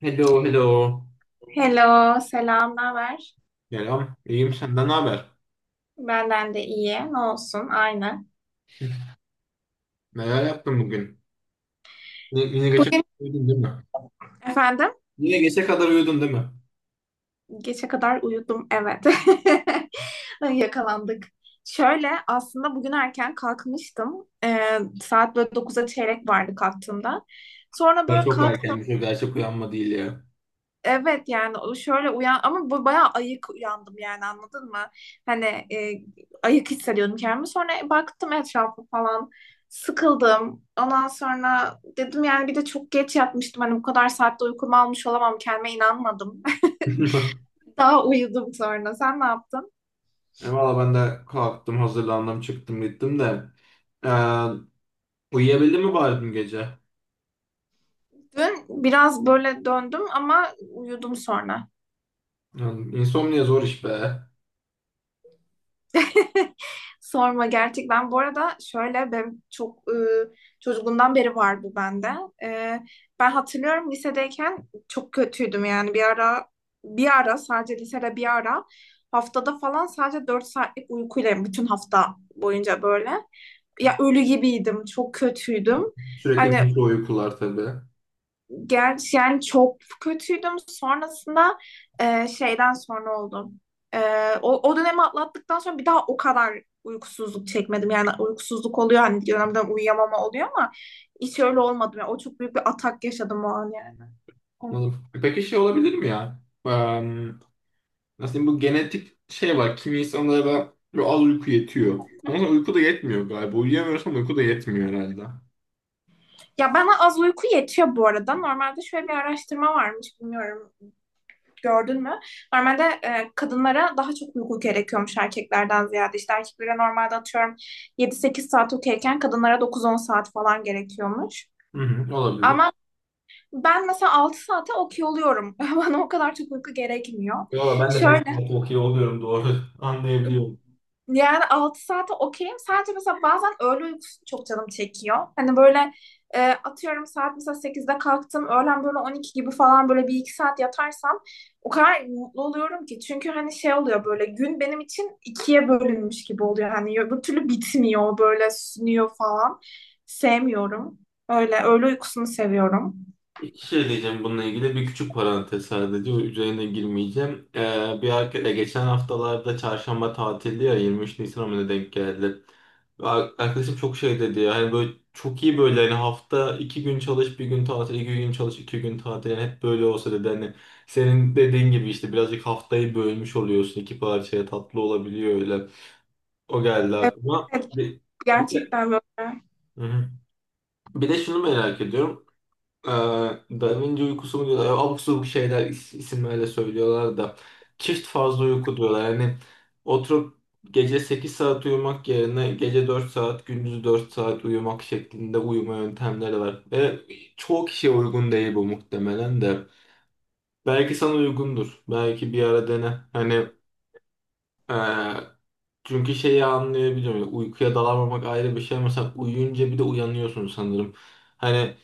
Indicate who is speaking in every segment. Speaker 1: Hello, hello.
Speaker 2: Hello, selam, ne haber?
Speaker 1: Selam. İyiyim, senden ne haber?
Speaker 2: Benden de iyi, ne olsun, aynı.
Speaker 1: Neler yaptın bugün? Yine gece kadar
Speaker 2: Bugün
Speaker 1: uyudun, değil mi?
Speaker 2: efendim,
Speaker 1: Yine gece kadar uyudun, değil mi?
Speaker 2: geçe kadar uyudum, evet. Yakalandık. Şöyle, aslında bugün erken kalkmıştım. Saat böyle 9'a çeyrek vardı kalktığımda. Sonra
Speaker 1: Ya
Speaker 2: böyle
Speaker 1: çok
Speaker 2: kalk.
Speaker 1: erkenmiş, o gerçek uyanma değil ya.
Speaker 2: Evet, yani o şöyle uyan ama bu bayağı ayık uyandım, yani anladın mı? Hani ayık hissediyordum kendimi. Sonra baktım etrafa falan, sıkıldım. Ondan sonra dedim, yani bir de çok geç yatmıştım. Hani bu kadar saatte uykumu almış olamam, kendime inanmadım. Daha uyudum sonra. Sen ne yaptın?
Speaker 1: Valla ben de kalktım, hazırlandım, çıktım, gittim de. Ee, uyuyabildin mi bari dün gece?
Speaker 2: Dün biraz böyle döndüm ama uyudum sonra.
Speaker 1: Yani insomnia zor iş be.
Speaker 2: Sorma gerçekten. Bu arada şöyle benim çok çocukluğumdan beri var bu bende. E, Ben hatırlıyorum lisedeyken çok kötüydüm, yani bir ara sadece lisede bir ara haftada falan sadece 4 saatlik uykuyla bütün hafta boyunca böyle ya ölü gibiydim, çok kötüydüm.
Speaker 1: Sürekli
Speaker 2: Hani.
Speaker 1: mikro uykular tabii.
Speaker 2: Gerçi yani çok kötüydüm. Sonrasında şeyden sonra oldum. E, o dönemi atlattıktan sonra bir daha o kadar uykusuzluk çekmedim. Yani uykusuzluk oluyor, hani dönemden uyuyamama oluyor ama hiç öyle olmadı. Yani o çok büyük bir atak yaşadım o an, yani.
Speaker 1: Anladım. Peki şey olabilir mi ya? Nasıl diyeyim, bu genetik şey var. Kimi insanlara böyle az uyku yetiyor. Ama sonra uyku da yetmiyor galiba. Uyuyamıyorsan uyku da yetmiyor herhalde.
Speaker 2: Ya bana az uyku yetiyor bu arada. Normalde şöyle bir araştırma varmış, bilmiyorum, gördün mü? Normalde kadınlara daha çok uyku gerekiyormuş erkeklerden ziyade. İşte erkeklere normalde atıyorum 7-8 saat okeyken kadınlara 9-10 saat falan gerekiyormuş.
Speaker 1: Hı hı, olabilir.
Speaker 2: Ama ben mesela 6 saate okey oluyorum. Bana o kadar çok uyku gerekmiyor.
Speaker 1: Valla ben de
Speaker 2: Şöyle
Speaker 1: Backstreet Hockey oluyorum, doğru. Anlayabiliyorum.
Speaker 2: yani 6 saate okeyim. Sadece mesela bazen öğle uykusu çok canım çekiyor. Hani böyle atıyorum saat mesela 8'de kalktım. Öğlen böyle 12 gibi falan böyle 1-2 saat yatarsam o kadar mutlu oluyorum ki. Çünkü hani şey oluyor, böyle gün benim için ikiye bölünmüş gibi oluyor. Hani öbür türlü bitmiyor, böyle sünüyor falan. Sevmiyorum. Öyle öğle uykusunu seviyorum.
Speaker 1: İki şey diyeceğim bununla ilgili. Bir küçük parantez sadece. O üzerine girmeyeceğim. Bir arkadaş, geçen haftalarda çarşamba tatildi ya, 23 Nisan'a mı ne denk geldi. Ve arkadaşım çok şey dedi ya. Hani böyle çok iyi, böyle hani hafta 2 gün çalış bir gün tatil, 2 gün çalış 2 gün tatil, yani hep böyle olsa dedi, hani senin dediğin gibi işte birazcık haftayı bölmüş oluyorsun iki parçaya, tatlı olabiliyor öyle. O geldi
Speaker 2: Evet,
Speaker 1: aklıma.
Speaker 2: evet,
Speaker 1: Bir de,
Speaker 2: gerçekten böyle.
Speaker 1: hı hı. Bir de şunu merak ediyorum, ee, Da Vinci uykusu mu diyorlar? Abuk sabuk şeyler, isimlerle söylüyorlar da. Çift fazla uyku diyorlar. Yani oturup gece 8 saat uyumak yerine gece 4 saat, gündüz 4 saat uyumak şeklinde uyuma yöntemleri var. Ve çoğu kişiye uygun değil bu muhtemelen de. Belki sana uygundur. Belki bir ara dene. Hani ee, çünkü şeyi anlayabiliyorum. Uykuya dalamamak ayrı bir şey. Mesela uyuyunca bir de uyanıyorsun sanırım. Hani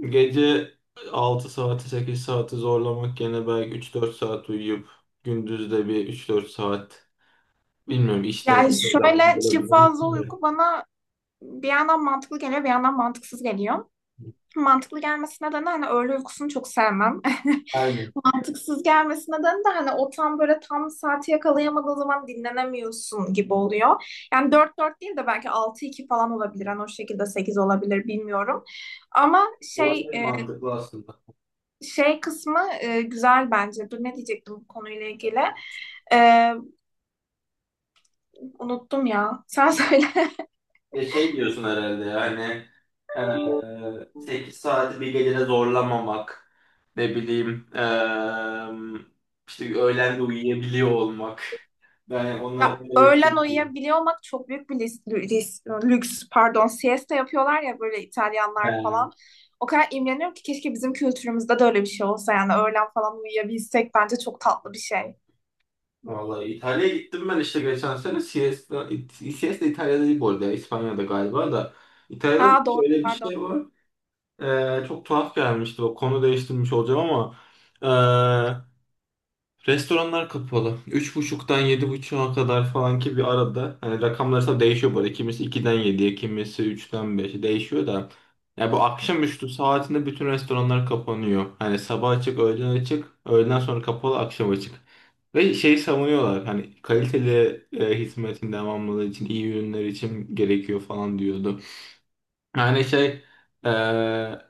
Speaker 1: gece 6 saati, 8 saati zorlamak, gene belki 3-4 saat uyuyup gündüz de bir 3-4 saat, bilmiyorum, işten
Speaker 2: Yani
Speaker 1: geçerden
Speaker 2: şöyle çift
Speaker 1: olabilir
Speaker 2: fazla
Speaker 1: de.
Speaker 2: uyku bana bir yandan mantıklı geliyor, bir yandan mantıksız geliyor. Mantıklı gelmesi nedeni hani öğle uykusunu çok sevmem.
Speaker 1: Aynen.
Speaker 2: Mantıksız gelmesi nedeni de hani o tam böyle tam saati yakalayamadığın zaman dinlenemiyorsun gibi oluyor. Yani dört dört değil de belki altı iki falan olabilir. Hani o şekilde 8 olabilir, bilmiyorum. Ama şey
Speaker 1: Olabilir, mantıklı aslında.
Speaker 2: şey kısmı güzel bence. Dur, ne diyecektim bu konuyla ilgili? E, Unuttum ya. Sen söyle.
Speaker 1: Ve şey diyorsun herhalde yani, 8 saati bir gecede zorlamamak, ne bileyim işte öğlen de uyuyabiliyor olmak. Ben onları,
Speaker 2: Ya
Speaker 1: onları
Speaker 2: öğlen uyuyabiliyor olmak çok büyük bir lüks. Pardon, siesta yapıyorlar ya, böyle İtalyanlar falan. O kadar imreniyorum ki, keşke bizim kültürümüzde de öyle bir şey olsa, yani öğlen falan uyuyabilsek bence çok tatlı bir şey.
Speaker 1: vallahi İtalya'ya gittim ben, işte geçen sene. Siesta İtalya'da değil bu arada. İspanya'da galiba da. İtalya'da
Speaker 2: Ha
Speaker 1: da
Speaker 2: doğru,
Speaker 1: şöyle bir
Speaker 2: pardon.
Speaker 1: şey var. Çok tuhaf gelmişti. O, konu değiştirmiş olacağım ama. ee, Restoranlar kapalı. Üç buçuktan 7.30'a kadar falan, ki bir arada. Hani rakamlar tabii değişiyor böyle. Kimisi 2'den 7'ye, kimisi 3'ten 5'e değişiyor da. Ya bu akşamüstü saatinde bütün restoranlar kapanıyor. Hani sabah açık, öğlen açık, öğleden sonra kapalı, akşam açık. Ve şeyi savunuyorlar hani kaliteli, hizmetin devamlılığı için, iyi ürünler için gerekiyor falan diyordu. Yani şey, eee,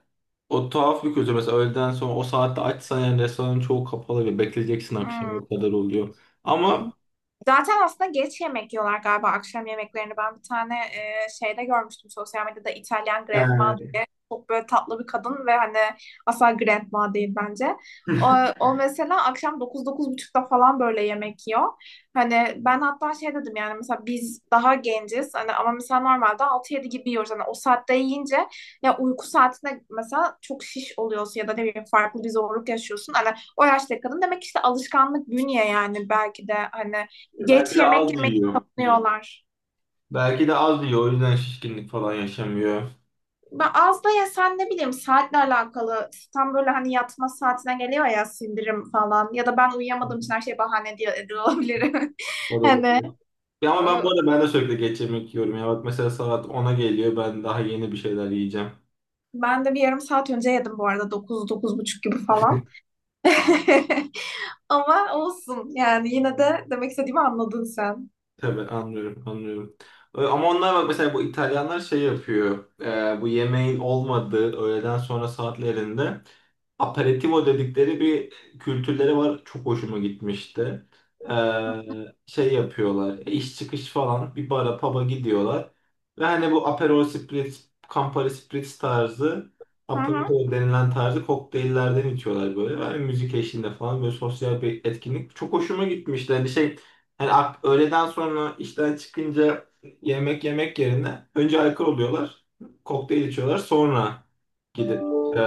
Speaker 1: o tuhaf bir kültür. Mesela öğleden sonra o saatte açsan yani restoranın çoğu kapalı ve bekleyeceksin
Speaker 2: Hmm.
Speaker 1: akşama kadar oluyor. Ama
Speaker 2: Zaten aslında geç yemek yiyorlar galiba akşam yemeklerini. Ben bir tane şeyde görmüştüm sosyal medyada, İtalyan Grandma
Speaker 1: eee,
Speaker 2: diye. Çok böyle tatlı bir kadın ve hani asla Grandma değil bence. O, o mesela akşam 9-9 buçukta falan böyle yemek yiyor. Hani ben hatta şey dedim, yani mesela biz daha genciz hani ama mesela normalde 6-7 gibi yiyoruz. Hani o saatte yiyince ya uyku saatinde mesela çok şiş oluyorsun ya da ne bileyim farklı bir zorluk yaşıyorsun. Hani o yaşta kadın, demek ki işte alışkanlık, bünye, yani belki de hani
Speaker 1: belki
Speaker 2: geç
Speaker 1: de
Speaker 2: yemek
Speaker 1: az
Speaker 2: yemeyi
Speaker 1: yiyor.
Speaker 2: savunuyorlar.
Speaker 1: Belki de az yiyor. O yüzden şişkinlik falan yaşamıyor.
Speaker 2: Ben az da yesen ne bileyim, saatle alakalı. Tam böyle hani yatma saatine geliyor ya sindirim falan. Ya da ben uyuyamadığım için her şey bahane diye ediyor olabilirim.
Speaker 1: O da
Speaker 2: Hani
Speaker 1: olabilir. Ya
Speaker 2: e,
Speaker 1: ama ben bu arada ben de sürekli geç yemek yiyorum. Ya bak, mesela saat 10'a geliyor. Ben daha yeni bir şeyler yiyeceğim.
Speaker 2: ben de bir yarım saat önce yedim bu arada. 9 buçuk gibi falan. Ama olsun, yani yine de demek istediğimi anladın sen.
Speaker 1: Tabii anlıyorum, anlıyorum. Ama onlar bak mesela, bu İtalyanlar şey yapıyor. Bu yemeğin olmadığı öğleden sonra saatlerinde aperitivo dedikleri bir kültürleri var. Çok hoşuma gitmişti. Ee, şey yapıyorlar. E, iş çıkış falan bir bara, pub'a gidiyorlar. Ve hani bu Aperol Spritz, Campari Spritz tarzı,
Speaker 2: Hı hı.
Speaker 1: Aperol denilen tarzı kokteyllerden içiyorlar böyle. Yani müzik eşliğinde falan böyle sosyal bir etkinlik. Çok hoşuma gitmişti. Hani şey, hani öğleden sonra işten çıkınca yemek yemek yerine önce alkol oluyorlar. Kokteyl içiyorlar. Sonra gidip ee,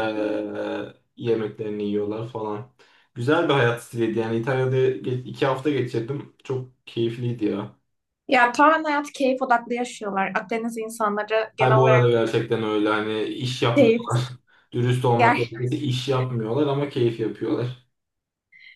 Speaker 1: yemeklerini yiyorlar falan. Güzel bir hayat stiliydi. Yani İtalya'da 2 hafta geçirdim. Çok keyifliydi ya.
Speaker 2: Ya tamamen hayatı keyif odaklı yaşıyorlar. Akdeniz insanları
Speaker 1: Hay,
Speaker 2: genel
Speaker 1: bu arada
Speaker 2: olarak
Speaker 1: gerçekten öyle. Hani iş
Speaker 2: keyif.
Speaker 1: yapmıyorlar. Dürüst olmak gerekirse iş yapmıyorlar ama keyif yapıyorlar.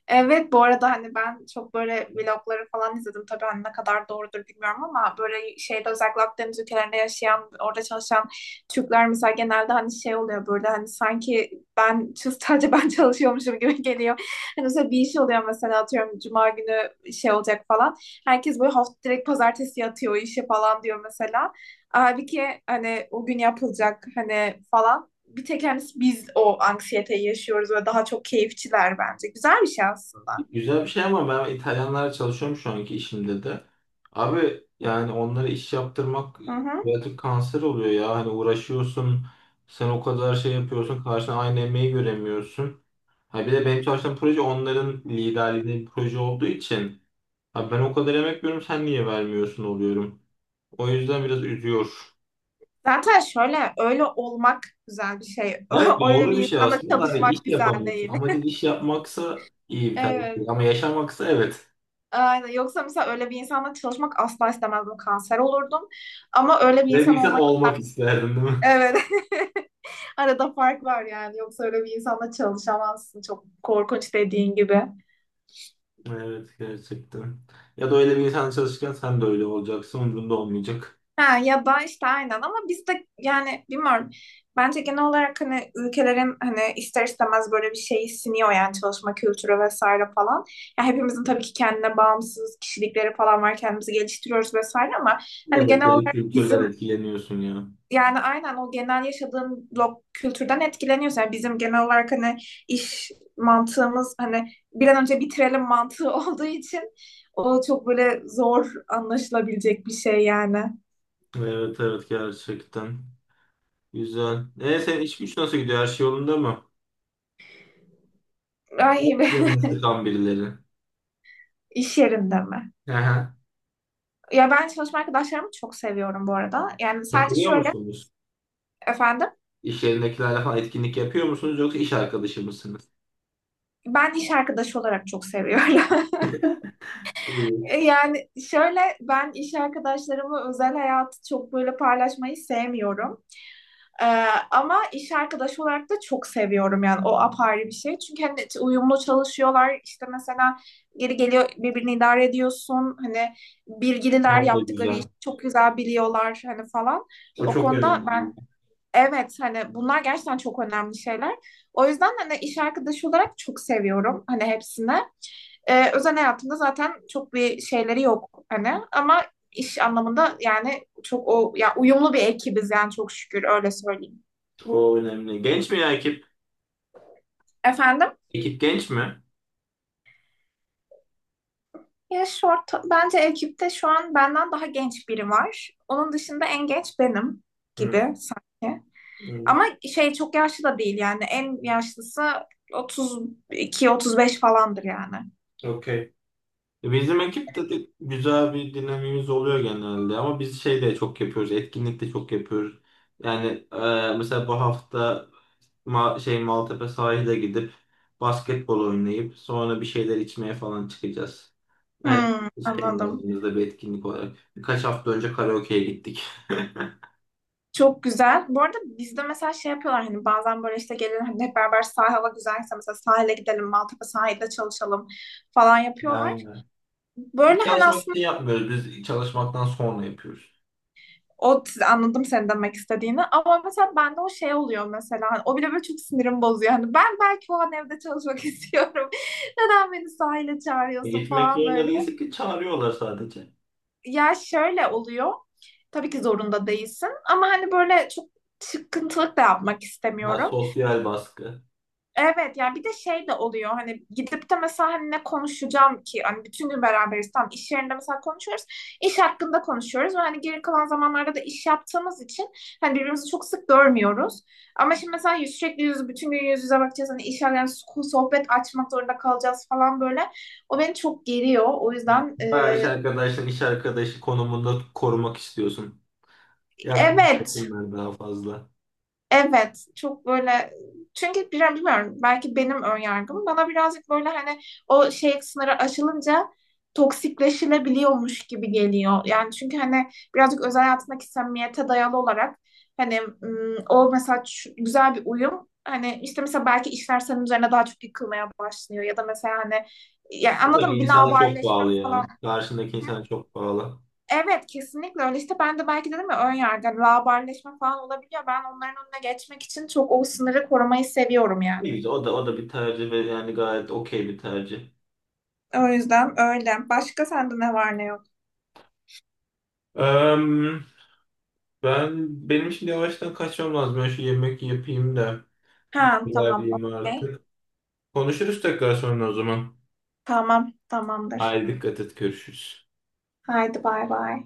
Speaker 2: Evet, bu arada hani ben çok böyle vlogları falan izledim. Tabii hani ne kadar doğrudur bilmiyorum, ama böyle şeyde özellikle Akdeniz ülkelerinde yaşayan, orada çalışan Türkler mesela genelde hani şey oluyor böyle, hani sanki ben sadece ben çalışıyormuşum gibi geliyor. Hani mesela bir iş oluyor, mesela atıyorum cuma günü şey olacak falan. Herkes böyle hafta direkt pazartesi yatıyor o işe falan diyor mesela. Halbuki hani o gün yapılacak hani falan, bir tek hani biz o anksiyeteyi yaşıyoruz ve daha çok keyifçiler bence. Güzel bir şey aslında.
Speaker 1: Güzel bir şey ama ben İtalyanlarla çalışıyorum şu anki işimde de. Abi yani onlara iş yaptırmak
Speaker 2: Hı hı.
Speaker 1: birazcık kanser oluyor ya. Hani uğraşıyorsun. Sen o kadar şey yapıyorsun. Karşına aynı emeği göremiyorsun. Ha, bir de benim çalıştığım proje onların liderliğinde bir proje olduğu için, abi ben o kadar emek veriyorum, sen niye vermiyorsun oluyorum. O yüzden biraz üzüyor.
Speaker 2: Zaten şöyle öyle olmak güzel bir şey.
Speaker 1: Evet,
Speaker 2: Öyle
Speaker 1: doğru bir
Speaker 2: bir
Speaker 1: şey
Speaker 2: insanla
Speaker 1: aslında da hani iş
Speaker 2: çalışmak güzel
Speaker 1: yapamıyorsun.
Speaker 2: değil.
Speaker 1: Amacın iş yapmaksa iyi bir tercih değil.
Speaker 2: Evet.
Speaker 1: Ama yaşamaksa evet.
Speaker 2: Aynen. Yoksa mesela öyle bir insanla çalışmak asla istemezdim. Kanser olurdum. Ama öyle bir
Speaker 1: Ve bir
Speaker 2: insan
Speaker 1: insan
Speaker 2: olmak.
Speaker 1: olmak isterdim, değil mi?
Speaker 2: Evet. Arada fark var yani. Yoksa öyle bir insanla çalışamazsın. Çok korkunç, dediğin gibi.
Speaker 1: Evet, gerçekten. Ya da öyle bir insan çalışırken sen de öyle olacaksın. Umurunda olmayacak.
Speaker 2: Ha, ya da işte aynen, ama biz de yani bilmiyorum. Bence genel olarak hani ülkelerin hani ister istemez böyle bir şeyi siniyor, yani çalışma kültürü vesaire falan. Ya hepimizin tabii ki kendine bağımsız kişilikleri falan var. Kendimizi geliştiriyoruz vesaire ama hani
Speaker 1: Evet
Speaker 2: genel
Speaker 1: de
Speaker 2: olarak
Speaker 1: kültürler,
Speaker 2: bizim,
Speaker 1: etkileniyorsun ya.
Speaker 2: yani aynen o genel yaşadığın kültürden etkileniyoruz. Yani bizim genel olarak hani iş mantığımız hani bir an önce bitirelim mantığı olduğu için o çok böyle zor anlaşılabilecek bir şey yani.
Speaker 1: Evet, evet, gerçekten. Güzel. Senin iş güç nasıl gidiyor? Her şey yolunda mı?
Speaker 2: Ay.
Speaker 1: Yok, canını sıkan birileri.
Speaker 2: İş yerinde mi?
Speaker 1: Hı hı.
Speaker 2: Ya ben çalışma arkadaşlarımı çok seviyorum bu arada. Yani sadece
Speaker 1: Takılıyor
Speaker 2: şöyle
Speaker 1: musunuz?
Speaker 2: efendim
Speaker 1: İş yerindekilerle falan etkinlik yapıyor musunuz, yoksa iş arkadaşı mısınız?
Speaker 2: ben iş arkadaşı olarak çok seviyorum.
Speaker 1: Değil.
Speaker 2: Yani şöyle ben iş arkadaşlarımı özel hayatı çok böyle paylaşmayı sevmiyorum. Ee, Ama iş arkadaşı olarak da çok seviyorum yani, o apayrı bir şey. Çünkü hani uyumlu çalışıyorlar, işte mesela geri geliyor, birbirini idare ediyorsun. Hani
Speaker 1: Ha,
Speaker 2: bilgililer,
Speaker 1: o da
Speaker 2: yaptıkları işi
Speaker 1: güzel.
Speaker 2: çok güzel biliyorlar hani falan.
Speaker 1: O
Speaker 2: O
Speaker 1: çok önemli.
Speaker 2: konuda
Speaker 1: Önemli.
Speaker 2: ben. Evet, hani bunlar gerçekten çok önemli şeyler. O yüzden hani iş arkadaşı olarak çok seviyorum hani hepsini. Özel hayatımda zaten çok bir şeyleri yok hani, ama iş anlamında yani çok o ya uyumlu bir ekibiz yani, çok şükür öyle söyleyeyim.
Speaker 1: O önemli. Genç mi ya ekip?
Speaker 2: Efendim?
Speaker 1: Ekip genç mi?
Speaker 2: Ya short bence ekipte şu an benden daha genç biri var. Onun dışında en genç benim
Speaker 1: Hı,
Speaker 2: gibi sanki.
Speaker 1: hı.
Speaker 2: Ama şey çok yaşlı da değil yani en yaşlısı 32-35 falandır yani.
Speaker 1: Okey. Bizim ekipte de güzel bir dinamiğimiz oluyor genelde, ama biz şey de çok yapıyoruz, etkinlik de çok yapıyoruz. Yani mesela bu hafta Ma şey Maltepe sahile gidip basketbol oynayıp sonra bir şeyler içmeye falan çıkacağız. Yani
Speaker 2: Hmm,
Speaker 1: biz kendi
Speaker 2: anladım.
Speaker 1: aramızda bir etkinlik olarak. Birkaç hafta önce karaoke'ye gittik.
Speaker 2: Çok güzel. Bu arada bizde mesela şey yapıyorlar hani bazen böyle işte gelin hani hep beraber sahil, hava güzelse mesela sahile gidelim, Maltepe sahilde çalışalım falan yapıyorlar.
Speaker 1: Yani biz
Speaker 2: Böyle hani
Speaker 1: çalışmak
Speaker 2: aslında
Speaker 1: için yapmıyoruz. Biz çalışmaktan sonra yapıyoruz.
Speaker 2: o anladım senin demek istediğini, ama mesela bende o şey oluyor, mesela hani o bile böyle çok sinirim bozuyor. Hani ben belki o an evde çalışmak istiyorum. Neden beni sahile çağırıyorsun
Speaker 1: Gitmek
Speaker 2: falan
Speaker 1: yerine
Speaker 2: böyle.
Speaker 1: değilse ki, çağırıyorlar sadece.
Speaker 2: Ya şöyle oluyor. Tabii ki zorunda değilsin ama hani böyle çok çıkıntılık da yapmak
Speaker 1: Ya,
Speaker 2: istemiyorum.
Speaker 1: sosyal baskı.
Speaker 2: Evet yani bir de şey de oluyor, hani gidip de mesela hani ne konuşacağım ki, hani bütün gün beraberiz, tam iş yerinde mesela konuşuyoruz, iş hakkında konuşuyoruz ve hani geri kalan zamanlarda da iş yaptığımız için hani birbirimizi çok sık görmüyoruz, ama şimdi mesela sürekli yüz bütün gün yüz yüze bakacağız hani iş yani sohbet açmak zorunda kalacağız falan böyle, o beni çok geriyor, o yüzden
Speaker 1: Bayağı iş arkadaşını iş arkadaşı konumunda korumak istiyorsun.
Speaker 2: evet.
Speaker 1: Yaklaşmasınlar daha fazla.
Speaker 2: Evet, çok böyle, çünkü biraz bilmiyorum belki benim ön yargım, bana birazcık böyle hani o şey, sınırı aşılınca toksikleşilebiliyormuş gibi geliyor. Yani çünkü hani birazcık özel hayatındaki samimiyete dayalı olarak hani o mesela güzel bir uyum hani, işte mesela belki işler senin üzerine daha çok yıkılmaya başlıyor ya da mesela hani yani anladın
Speaker 1: Tabii
Speaker 2: mı, bir
Speaker 1: insana çok
Speaker 2: laubalileşme
Speaker 1: bağlı
Speaker 2: falan.
Speaker 1: ya. Karşındaki insana çok bağlı.
Speaker 2: Evet, kesinlikle öyle. İşte ben de belki dedim ya, ön yargı hani laubalileşme falan olabiliyor. Ben onların önüne geçmek için çok o sınırı korumayı seviyorum
Speaker 1: Ne
Speaker 2: yani.
Speaker 1: güzel. O da bir tercih ve yani gayet okey bir tercih.
Speaker 2: O yüzden öyle. Başka sende ne var ne yok?
Speaker 1: Eee, benim şimdi yavaştan kaçmam lazım. Ben şu yemek yapayım da
Speaker 2: Ha tamam,
Speaker 1: ilerleyeyim
Speaker 2: okey.
Speaker 1: artık. Konuşuruz tekrar sonra o zaman.
Speaker 2: Tamam, tamamdır.
Speaker 1: Haydi dikkat et. Görüşürüz.
Speaker 2: Haydi, bay bay.